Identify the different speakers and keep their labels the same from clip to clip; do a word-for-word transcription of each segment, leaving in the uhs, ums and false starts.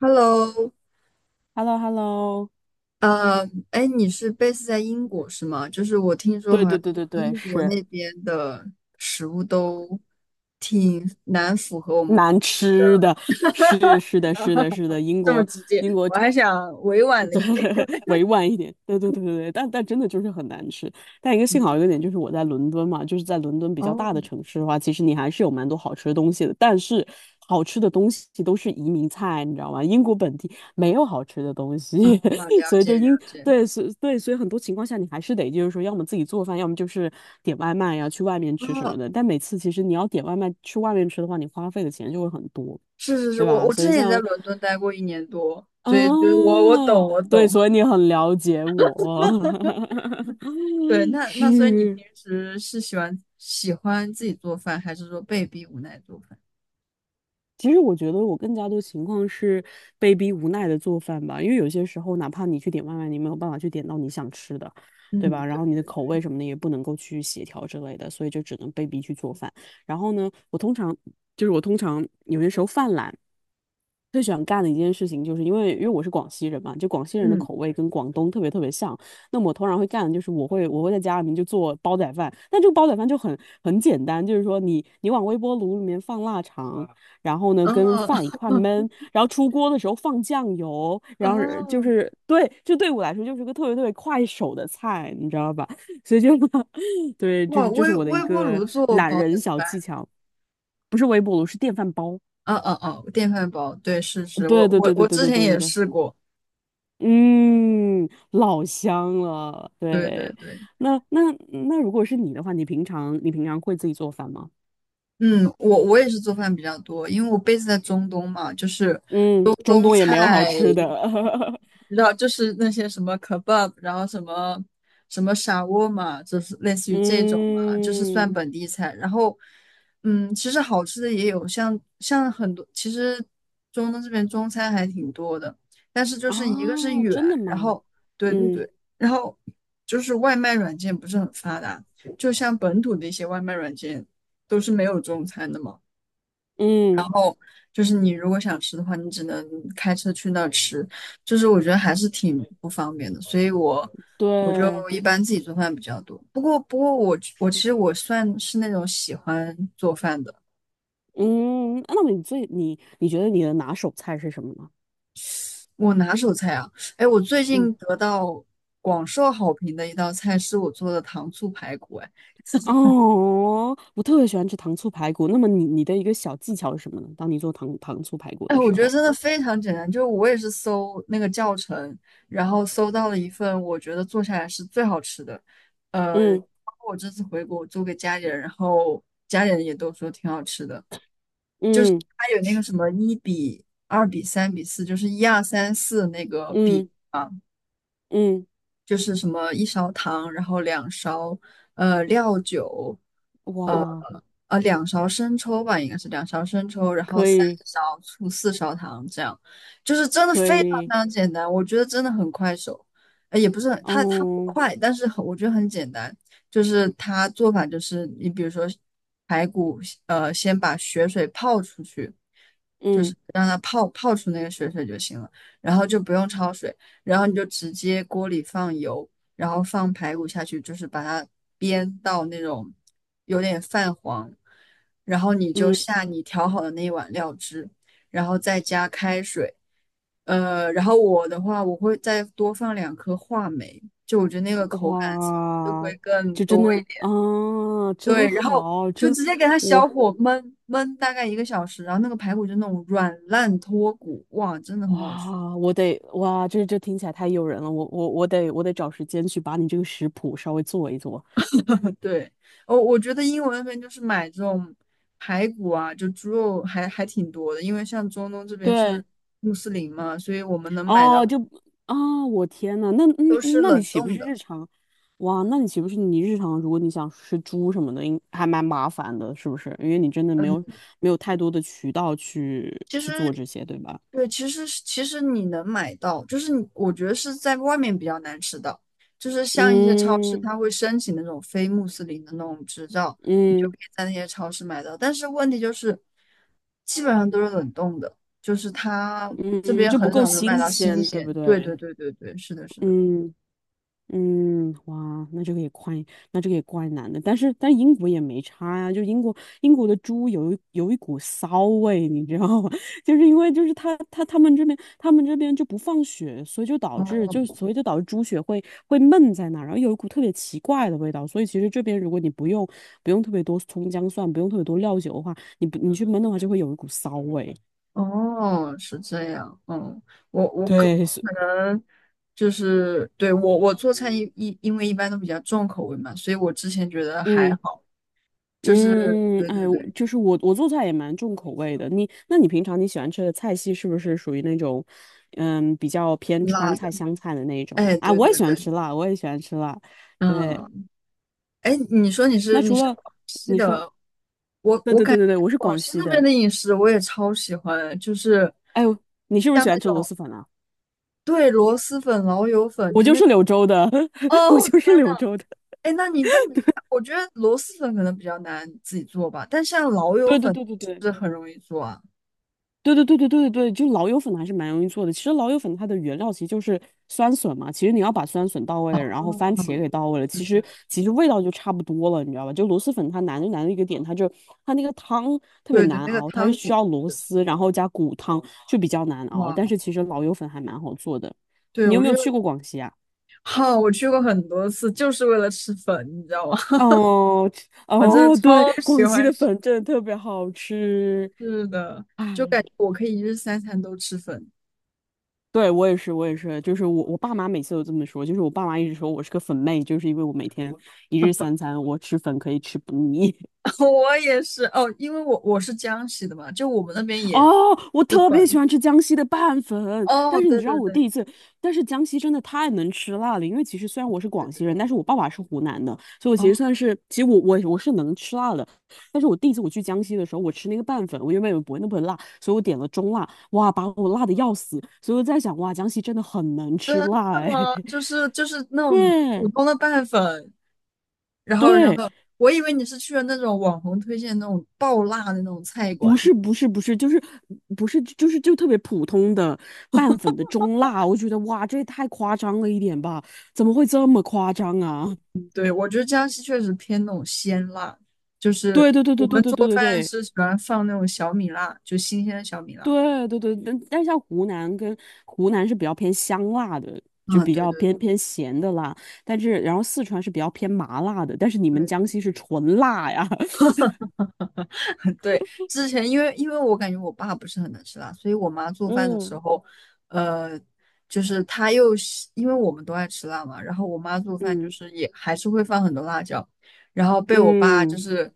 Speaker 1: Hello，
Speaker 2: h e l l o h e l l o
Speaker 1: 呃，哎，你是 base 在英国是吗？就是我听说
Speaker 2: 对
Speaker 1: 好像
Speaker 2: 对对对对，
Speaker 1: 英国
Speaker 2: 是
Speaker 1: 那边的食物都挺难符合我们国，
Speaker 2: 难吃的。是是的，是的，是的，英
Speaker 1: 这么
Speaker 2: 国
Speaker 1: 直接，
Speaker 2: 英国，
Speaker 1: 我
Speaker 2: 对。
Speaker 1: 还想委婉了一点。
Speaker 2: 委婉一点。对对对对对，但但真的就是很难吃。但一个幸好一
Speaker 1: 嗯，
Speaker 2: 个点就是我在伦敦嘛，就是在伦敦比较
Speaker 1: 哦，
Speaker 2: 大的城市的话，其实你还是有蛮多好吃的东西的。但是好吃的东西都是移民菜，你知道吗？英国本地没有好吃的东
Speaker 1: 啊，
Speaker 2: 西。
Speaker 1: 了
Speaker 2: 所以
Speaker 1: 解
Speaker 2: 就英
Speaker 1: 了解，
Speaker 2: 对，所对，所以很多情况下你还是得就是说，要么自己做饭，要么就是点外卖呀、去外面吃什
Speaker 1: 哦，
Speaker 2: 么的。但每次其实你要点外卖去外面吃的话，你花费的钱就会很多，
Speaker 1: 是是是，
Speaker 2: 对
Speaker 1: 我
Speaker 2: 吧？
Speaker 1: 我之
Speaker 2: 所以
Speaker 1: 前也在
Speaker 2: 像
Speaker 1: 伦敦待过一年多，所以对我我
Speaker 2: 哦，
Speaker 1: 懂我
Speaker 2: 对，
Speaker 1: 懂，
Speaker 2: 所以你很了解我。
Speaker 1: 对，那那所以你
Speaker 2: 是。
Speaker 1: 平时是喜欢喜欢自己做饭，还是说被逼无奈做饭？
Speaker 2: 其实我觉得我更加多情况是被逼无奈的做饭吧，因为有些时候哪怕你去点外卖，你没有办法去点到你想吃的，对
Speaker 1: 嗯，
Speaker 2: 吧？然
Speaker 1: 对
Speaker 2: 后你的
Speaker 1: 对
Speaker 2: 口
Speaker 1: 对，
Speaker 2: 味什么的也不能够去协调之类的，所以就只能被逼去做饭。然后呢，我通常就是我通常有些时候犯懒，最喜欢干的一件事情，就是因为因为我是广西人嘛，就广西人的
Speaker 1: 嗯，
Speaker 2: 口味跟广东特别特别像。那么我通常会干的就是我会我会在家里面就做煲仔饭，但这个煲仔饭就很很简单，就是说你你往微波炉里面放腊肠，然后呢跟
Speaker 1: 哦，
Speaker 2: 饭一块焖，然后出锅的时候放酱油，然后就
Speaker 1: 哦，
Speaker 2: 是对，就对我来说就是个特别特别快手的菜，你知道吧？所以就 对，就
Speaker 1: 哇，
Speaker 2: 是这是
Speaker 1: 微
Speaker 2: 我的一
Speaker 1: 微波
Speaker 2: 个
Speaker 1: 炉做
Speaker 2: 懒
Speaker 1: 煲仔
Speaker 2: 人小技
Speaker 1: 饭，
Speaker 2: 巧。不是微波炉，是电饭煲。
Speaker 1: 嗯嗯嗯，电饭煲，对，是是，
Speaker 2: 对
Speaker 1: 我
Speaker 2: 对
Speaker 1: 我
Speaker 2: 对对
Speaker 1: 我
Speaker 2: 对
Speaker 1: 之
Speaker 2: 对
Speaker 1: 前
Speaker 2: 对对
Speaker 1: 也试
Speaker 2: 对。
Speaker 1: 过，
Speaker 2: 嗯，老香了，
Speaker 1: 对对
Speaker 2: 对。
Speaker 1: 对，
Speaker 2: 那那那，如果是你的话，你平常你平常会自己做饭吗？
Speaker 1: 嗯，我我也是做饭比较多，因为我 b 子在中东嘛，就是
Speaker 2: 嗯，
Speaker 1: 中
Speaker 2: 中
Speaker 1: 东
Speaker 2: 东也没有好
Speaker 1: 菜
Speaker 2: 吃的。
Speaker 1: 你知道，就是那些什么 kebab，然后什么什么沙窝嘛，就是类似于这种嘛，就是算
Speaker 2: 嗯，
Speaker 1: 本地菜。然后，嗯，其实好吃的也有，像像很多，其实中东这边中餐还挺多的，但是就是一个是
Speaker 2: 啊，
Speaker 1: 远，
Speaker 2: 真的
Speaker 1: 然
Speaker 2: 吗？
Speaker 1: 后对对
Speaker 2: 嗯
Speaker 1: 对，然后就是外卖软件不是很发达，就像本土的一些外卖软件都是没有中餐的嘛。
Speaker 2: 嗯，
Speaker 1: 就是你如果想吃的话，你只能开车去那儿吃，就是我觉得还是挺不方便的，所以我我就
Speaker 2: 对，
Speaker 1: 一般自己做饭比较多。不过不过我我其
Speaker 2: 是。
Speaker 1: 实我算是那种喜欢做饭的，
Speaker 2: 嗯，那么你最你你觉得你的拿手菜是什么呢？
Speaker 1: 我拿手菜啊，哎，我最
Speaker 2: 嗯。
Speaker 1: 近得到广受好评的一道菜是我做的糖醋排骨，哎
Speaker 2: 哦，我特别喜欢吃糖醋排骨。那么你你的一个小技巧是什么呢？当你做糖糖醋排骨
Speaker 1: 哎，
Speaker 2: 的
Speaker 1: 我
Speaker 2: 时
Speaker 1: 觉得
Speaker 2: 候，
Speaker 1: 真的非常简单，就是我也是搜那个教程，然后搜到了一份我觉得做下来是最好吃的。呃，
Speaker 2: 嗯
Speaker 1: 包括我这次回国，我做给家里人，然后家里人也都说挺好吃的。
Speaker 2: 嗯
Speaker 1: 它有那个什么一比二比三比四，就是一二三四那个比。
Speaker 2: 嗯嗯，
Speaker 1: 就是什么一勺糖，然后两勺呃料酒，呃
Speaker 2: 哇，
Speaker 1: 呃两勺生抽吧，应该是两勺生抽，然后
Speaker 2: 可
Speaker 1: 三
Speaker 2: 以
Speaker 1: 勺醋，四勺糖，这样就是真的
Speaker 2: 可
Speaker 1: 非常非
Speaker 2: 以，
Speaker 1: 常简单，我觉得真的很快手，呃也不是很它它不
Speaker 2: 哦，
Speaker 1: 快，但是很我觉得很简单，就是它做法就是你比如说排骨，呃先把血水泡出去，就
Speaker 2: 嗯
Speaker 1: 是让它泡泡出那个血水就行了，然后就不用焯水。然后你就直接锅里放油，然后放排骨下去，就是把它煸到那种有点泛黄，然后你就
Speaker 2: 嗯，
Speaker 1: 下你调好的那一碗料汁，然后再加开水，呃，然后我的话我会再多放两颗话梅，就我觉得那个口感就会
Speaker 2: 哇，
Speaker 1: 更
Speaker 2: 就真
Speaker 1: 多
Speaker 2: 的
Speaker 1: 一点。
Speaker 2: 啊，真
Speaker 1: 对，然后
Speaker 2: 好。
Speaker 1: 就
Speaker 2: 真
Speaker 1: 直接给它小
Speaker 2: 我
Speaker 1: 火焖焖大概一个小时，然后那个排骨就那种软烂脱骨，哇，真的很好吃。
Speaker 2: 哇，我得哇，这这听起来太诱人了，我我我得我得找时间去把你这个食谱稍微做一做。
Speaker 1: 对，我我觉得英文那边就是买这种排骨啊，就猪肉还还挺多的，因为像中东这边是
Speaker 2: 对，
Speaker 1: 穆斯林嘛，所以我们能买
Speaker 2: 哦，
Speaker 1: 到
Speaker 2: 就啊，我天呐。那嗯，
Speaker 1: 都是
Speaker 2: 嗯那你
Speaker 1: 冷
Speaker 2: 岂不
Speaker 1: 冻
Speaker 2: 是
Speaker 1: 的。
Speaker 2: 日常？哇，那你岂不是你日常？如果你想吃猪什么的，应还蛮麻烦的，是不是？因为你真的没有
Speaker 1: 嗯
Speaker 2: 没有太多的渠道去
Speaker 1: 其
Speaker 2: 去做
Speaker 1: 实，
Speaker 2: 这些，对吧？
Speaker 1: 对，其实其实你能买到，就是你我觉得是在外面比较难吃到，就是像一些超市，
Speaker 2: 嗯
Speaker 1: 它会申请那种非穆斯林的那种执照，你就可
Speaker 2: 嗯
Speaker 1: 以在那些超市买到。但是问题就是，基本上都是冷冻的，就是它
Speaker 2: 嗯
Speaker 1: 这
Speaker 2: 嗯，
Speaker 1: 边
Speaker 2: 就不
Speaker 1: 很
Speaker 2: 够
Speaker 1: 少能买
Speaker 2: 新
Speaker 1: 到新
Speaker 2: 鲜，对不
Speaker 1: 鲜。对对
Speaker 2: 对？
Speaker 1: 对对对，是的，是的。
Speaker 2: 嗯嗯，哇，那这个也怪，那这个也怪难的。但是，但英国也没差呀、就英国英国的猪有一有一股骚味，你知道吗？就是因为就是他他他们这边他们这边就不放血，所以就导致就
Speaker 1: 哦，
Speaker 2: 所以就导致猪血会会闷在那儿，然后有一股特别奇怪的味道。所以其实这边如果你不用不用特别多葱姜蒜，不用特别多料酒的话，你不你去焖的话就会有一股骚味。
Speaker 1: 哦，是这样，嗯，我我可
Speaker 2: 对，是
Speaker 1: 可能就是对我我做菜一一因为一般都比较重口味嘛，所以我之前觉得还
Speaker 2: 嗯
Speaker 1: 好，就是
Speaker 2: 嗯嗯，
Speaker 1: 对对
Speaker 2: 哎，我
Speaker 1: 对，
Speaker 2: 就是我，我做菜也蛮重口味的。你，那你平常你喜欢吃的菜系是不是属于那种，嗯，比较偏
Speaker 1: 辣
Speaker 2: 川
Speaker 1: 的，
Speaker 2: 菜、湘菜的那一种
Speaker 1: 哎，
Speaker 2: 啊？
Speaker 1: 对
Speaker 2: 我也
Speaker 1: 对
Speaker 2: 喜欢
Speaker 1: 对，
Speaker 2: 吃辣，我也喜欢吃辣。对，
Speaker 1: 嗯，哎，你说你是
Speaker 2: 那
Speaker 1: 你
Speaker 2: 除
Speaker 1: 是
Speaker 2: 了
Speaker 1: 广西
Speaker 2: 你说，
Speaker 1: 的，我
Speaker 2: 对对对对对，我是
Speaker 1: 广
Speaker 2: 广
Speaker 1: 西
Speaker 2: 西
Speaker 1: 那边
Speaker 2: 的。
Speaker 1: 的饮食我也超喜欢，就是
Speaker 2: 哎呦，你是不是
Speaker 1: 像
Speaker 2: 喜
Speaker 1: 那
Speaker 2: 欢吃螺
Speaker 1: 种
Speaker 2: 蛳粉啊？
Speaker 1: 对螺蛳粉、老友粉，
Speaker 2: 我
Speaker 1: 就
Speaker 2: 就
Speaker 1: 那
Speaker 2: 是柳州的。我
Speaker 1: 哦，
Speaker 2: 就是柳州的。
Speaker 1: 哎，那你那你，我觉得螺蛳粉可能比较难自己做吧，但像老 友
Speaker 2: 对对
Speaker 1: 粉
Speaker 2: 对对
Speaker 1: 是不
Speaker 2: 对。
Speaker 1: 是很容易做啊。
Speaker 2: 对对对对对对，就老友粉还是蛮容易做的。其实老友粉它的原料其实就是酸笋嘛，其实你要把酸笋到位了，然后番茄
Speaker 1: 嗯，
Speaker 2: 给到位了，
Speaker 1: 是
Speaker 2: 其实
Speaker 1: 是，
Speaker 2: 其实味道就差不多了，你知道吧？就螺蛳粉它难就难的一个点，它就它那个汤特别
Speaker 1: 对对，
Speaker 2: 难
Speaker 1: 那个
Speaker 2: 熬，它是
Speaker 1: 汤
Speaker 2: 需
Speaker 1: 底，
Speaker 2: 要螺丝，然后加骨汤就比较难熬。
Speaker 1: 哇，
Speaker 2: 但是其实老友粉还蛮好做的。
Speaker 1: 对，
Speaker 2: 你有
Speaker 1: 我
Speaker 2: 没
Speaker 1: 觉
Speaker 2: 有
Speaker 1: 得
Speaker 2: 去过广西啊？
Speaker 1: 好，我去过很多次，就是为了吃粉，你知道吗？
Speaker 2: 哦
Speaker 1: 我真的
Speaker 2: 哦，对，
Speaker 1: 超喜
Speaker 2: 广西
Speaker 1: 欢
Speaker 2: 的
Speaker 1: 吃，
Speaker 2: 粉真的特别好吃。
Speaker 1: 是的，就
Speaker 2: 唉。
Speaker 1: 感觉我可以一日三餐都吃粉。
Speaker 2: 对，我也是，我也是，就是我，我爸妈每次都这么说，就是我爸妈一直说我是个粉妹，就是因为我每天一日三餐我吃粉可以吃不腻。
Speaker 1: 我也是哦，因为我我是江西的嘛，就我们那边 也
Speaker 2: 哦，我
Speaker 1: 吃
Speaker 2: 特别喜
Speaker 1: 粉。
Speaker 2: 欢吃江西的拌粉，
Speaker 1: 哦，
Speaker 2: 但是你
Speaker 1: 对
Speaker 2: 知道
Speaker 1: 对
Speaker 2: 我第
Speaker 1: 对
Speaker 2: 一次，但是江西真的太能吃辣了，因为其实虽然我是
Speaker 1: 对
Speaker 2: 广
Speaker 1: 对，
Speaker 2: 西人，但是我爸爸是湖南的，所以我其实
Speaker 1: 哦，
Speaker 2: 算是，其实我我我是能吃辣的，但是我第一次我去江西的时候，我吃那个拌粉，我原本以为不会那么辣，所以我点了中辣，哇，把我辣的要死，所以我在想，哇，江西真的很能吃辣
Speaker 1: 那
Speaker 2: 哎。
Speaker 1: 么就是就是那 种普
Speaker 2: 对。
Speaker 1: 通的拌粉，然后，然
Speaker 2: 对，
Speaker 1: 后我以为你是去了那种网红推荐那种爆辣的那种菜馆。
Speaker 2: 不是不是不是，就是不是就是就特别普通的拌粉的中辣，我觉得哇，这也太夸张了一点吧？怎么会这么夸张啊？
Speaker 1: 对，我觉得江西确实偏那种鲜辣，就是
Speaker 2: 对对对
Speaker 1: 我
Speaker 2: 对对
Speaker 1: 们
Speaker 2: 对
Speaker 1: 做
Speaker 2: 对对
Speaker 1: 饭
Speaker 2: 对
Speaker 1: 是喜欢放那种小米辣，就新鲜的小米辣。
Speaker 2: 对对对，但但像湖南跟湖南是比较偏香辣的，就
Speaker 1: 啊，
Speaker 2: 比
Speaker 1: 对
Speaker 2: 较
Speaker 1: 对
Speaker 2: 偏偏咸的辣，但是然后四川是比较偏麻辣的，但是你们
Speaker 1: 对，
Speaker 2: 江西是纯辣呀。
Speaker 1: 对，之前因为因为我感觉我爸不是很能吃辣，所以我妈做饭的时
Speaker 2: 嗯。
Speaker 1: 候，呃，就是她又是因为我们都爱吃辣嘛，然后我妈做饭就
Speaker 2: 嗯
Speaker 1: 是也还是会放很多辣椒，然后被我爸就
Speaker 2: 嗯
Speaker 1: 是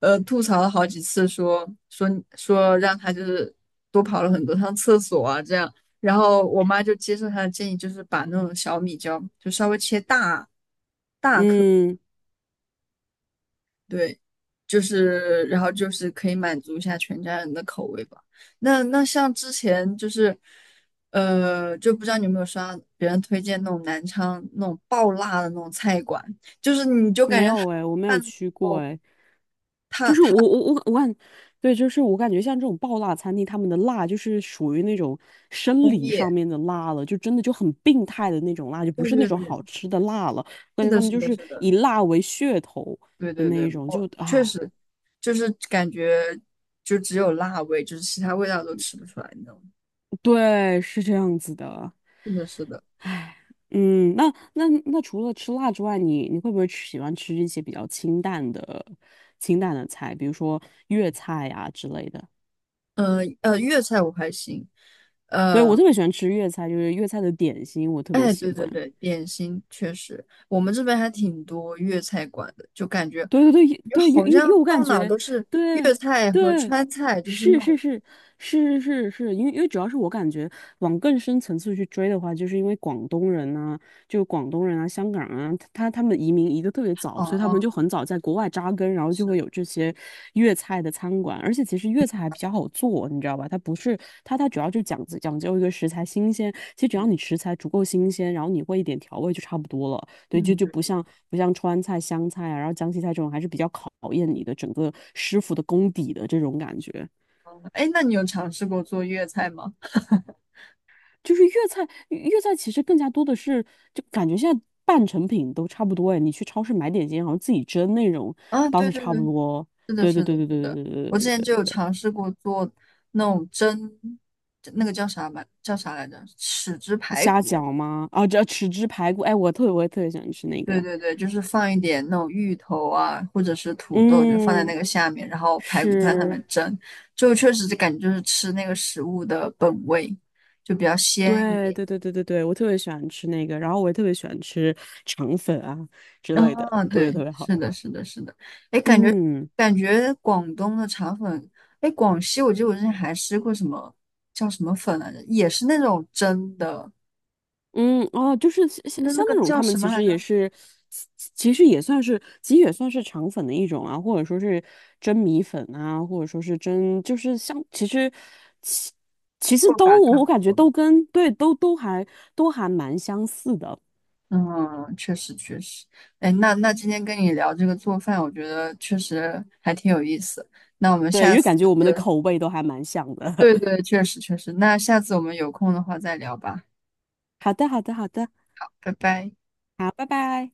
Speaker 1: 呃吐槽了好几次说，说说让他就是多跑了很多趟厕所啊这样，然后我妈就接受他的建议，就是把那种小米椒就稍微切大。
Speaker 2: 嗯。
Speaker 1: 对，就是然后就是可以满足一下全家人的口味吧。那那像之前就是，呃，就不知道你有没有刷别人推荐那种南昌那种爆辣的那种菜馆，就是你就感
Speaker 2: 没
Speaker 1: 觉他
Speaker 2: 有哎，我没有
Speaker 1: 办
Speaker 2: 去过
Speaker 1: 哦，
Speaker 2: 哎，
Speaker 1: 他
Speaker 2: 就是我
Speaker 1: 他
Speaker 2: 我我我感，对，就是我感觉像这种爆辣餐厅，他们的辣就是属于那种生
Speaker 1: 工
Speaker 2: 理
Speaker 1: 业，
Speaker 2: 上面的辣了，就真的就很病态的那种辣，就不
Speaker 1: 对
Speaker 2: 是那
Speaker 1: 对
Speaker 2: 种
Speaker 1: 对，
Speaker 2: 好吃的辣了。我感
Speaker 1: 是
Speaker 2: 觉
Speaker 1: 的，
Speaker 2: 他们
Speaker 1: 是
Speaker 2: 就
Speaker 1: 的，
Speaker 2: 是
Speaker 1: 是的，
Speaker 2: 以辣为噱头
Speaker 1: 对
Speaker 2: 的
Speaker 1: 对
Speaker 2: 那
Speaker 1: 对，
Speaker 2: 一种。就
Speaker 1: 我确
Speaker 2: 啊，
Speaker 1: 实就是感觉就只有辣味，就是其他味道都吃不出来那种。
Speaker 2: 对，是这样子的。
Speaker 1: 是的，是的。
Speaker 2: 唉，嗯，那那那除了吃辣之外，你你会不会吃喜欢吃一些比较清淡的清淡的菜，比如说粤菜呀、之类的？
Speaker 1: 呃呃，粤菜我还行，
Speaker 2: 对，我
Speaker 1: 呃。
Speaker 2: 特别喜欢吃粤菜，就是粤菜的点心，我特别
Speaker 1: 哎，
Speaker 2: 喜
Speaker 1: 对对
Speaker 2: 欢。
Speaker 1: 对，点心确实，我们这边还挺多粤菜馆的，就感觉
Speaker 2: 对对对
Speaker 1: 就
Speaker 2: 对，
Speaker 1: 好
Speaker 2: 又
Speaker 1: 像
Speaker 2: 又，我感
Speaker 1: 到哪儿
Speaker 2: 觉，
Speaker 1: 都是
Speaker 2: 对
Speaker 1: 粤菜和
Speaker 2: 对，
Speaker 1: 川菜，就是那
Speaker 2: 是是
Speaker 1: 种
Speaker 2: 是是是是，是，因为因为主要是我感觉往更深层次去追的话，就是因为广东人啊，就广东人啊、香港人啊，他他他们移民移得特别早，所以他
Speaker 1: 哦，
Speaker 2: 们就很早在国外扎根，然后就会
Speaker 1: 是，
Speaker 2: 有这些粤菜的餐馆，而且其实粤菜还比较好做，你知道吧？它不是它它主要就讲讲究一个食材新鲜，其实只要
Speaker 1: 嗯，
Speaker 2: 你食材足够新鲜，然后你会一点调味就差不多了。对，就
Speaker 1: 嗯
Speaker 2: 就不
Speaker 1: 对，
Speaker 2: 像不像川菜、湘菜啊，然后江西菜这种，还是比较考验你的整个师傅的功底的这种感觉。
Speaker 1: 哦哎，那你有尝试过做粤菜吗？
Speaker 2: 就是粤菜，粤菜其实更加多的是，就感觉现在半成品都差不多哎。你去超市买点心，好像自己蒸那种
Speaker 1: 啊，
Speaker 2: 倒
Speaker 1: 对
Speaker 2: 是
Speaker 1: 对
Speaker 2: 差
Speaker 1: 对，
Speaker 2: 不多。
Speaker 1: 是的，
Speaker 2: 对对
Speaker 1: 是
Speaker 2: 对
Speaker 1: 的，
Speaker 2: 对
Speaker 1: 是
Speaker 2: 对
Speaker 1: 的，
Speaker 2: 对对对
Speaker 1: 我之
Speaker 2: 对
Speaker 1: 前
Speaker 2: 对
Speaker 1: 就有
Speaker 2: 对，
Speaker 1: 尝试过做那种蒸，那个叫啥来，叫啥来着？豉汁排骨，
Speaker 2: 虾饺吗？啊，这豉汁排骨，哎，我特别我也特别喜欢吃那个。
Speaker 1: 对对对，就是放一点那种芋头啊，或者是土豆，就放在那
Speaker 2: 嗯，
Speaker 1: 个下面，然后排骨看上面
Speaker 2: 是。
Speaker 1: 蒸，就确实就感觉就是吃那个食物的本味，就比较鲜一
Speaker 2: 对
Speaker 1: 点。
Speaker 2: 对对对对对，我特别喜欢吃那个，然后我也特别喜欢吃肠粉啊之类的，
Speaker 1: 啊，
Speaker 2: 特
Speaker 1: 对，
Speaker 2: 别特别好。
Speaker 1: 是的，是的，是的。哎，感觉
Speaker 2: 嗯
Speaker 1: 感觉广东的肠粉，哎，广西我记得我之前还吃过什么叫什么粉来着，也是那种蒸的，
Speaker 2: 嗯，哦，就是像像
Speaker 1: 那那
Speaker 2: 像
Speaker 1: 个
Speaker 2: 那种
Speaker 1: 叫
Speaker 2: 他们
Speaker 1: 什
Speaker 2: 其
Speaker 1: 么来
Speaker 2: 实也
Speaker 1: 着？
Speaker 2: 是，其其实也算是，其实也算是肠粉的一种啊，或者说是蒸米粉啊，或者说是蒸，就是像其实其其实
Speaker 1: 过把
Speaker 2: 都我我
Speaker 1: 汤。
Speaker 2: 感觉都跟对都都还都还蛮相似的。
Speaker 1: 嗯，确实确实，哎，那那今天跟你聊这个做饭，我觉得确实还挺有意思。那我们
Speaker 2: 对，因
Speaker 1: 下
Speaker 2: 为
Speaker 1: 次，
Speaker 2: 感觉我们的口味都还蛮像的。
Speaker 1: 对 对，确实确实，那下次我们有空的话再聊吧，
Speaker 2: 好的好的好的，
Speaker 1: 拜拜。
Speaker 2: 好，拜拜。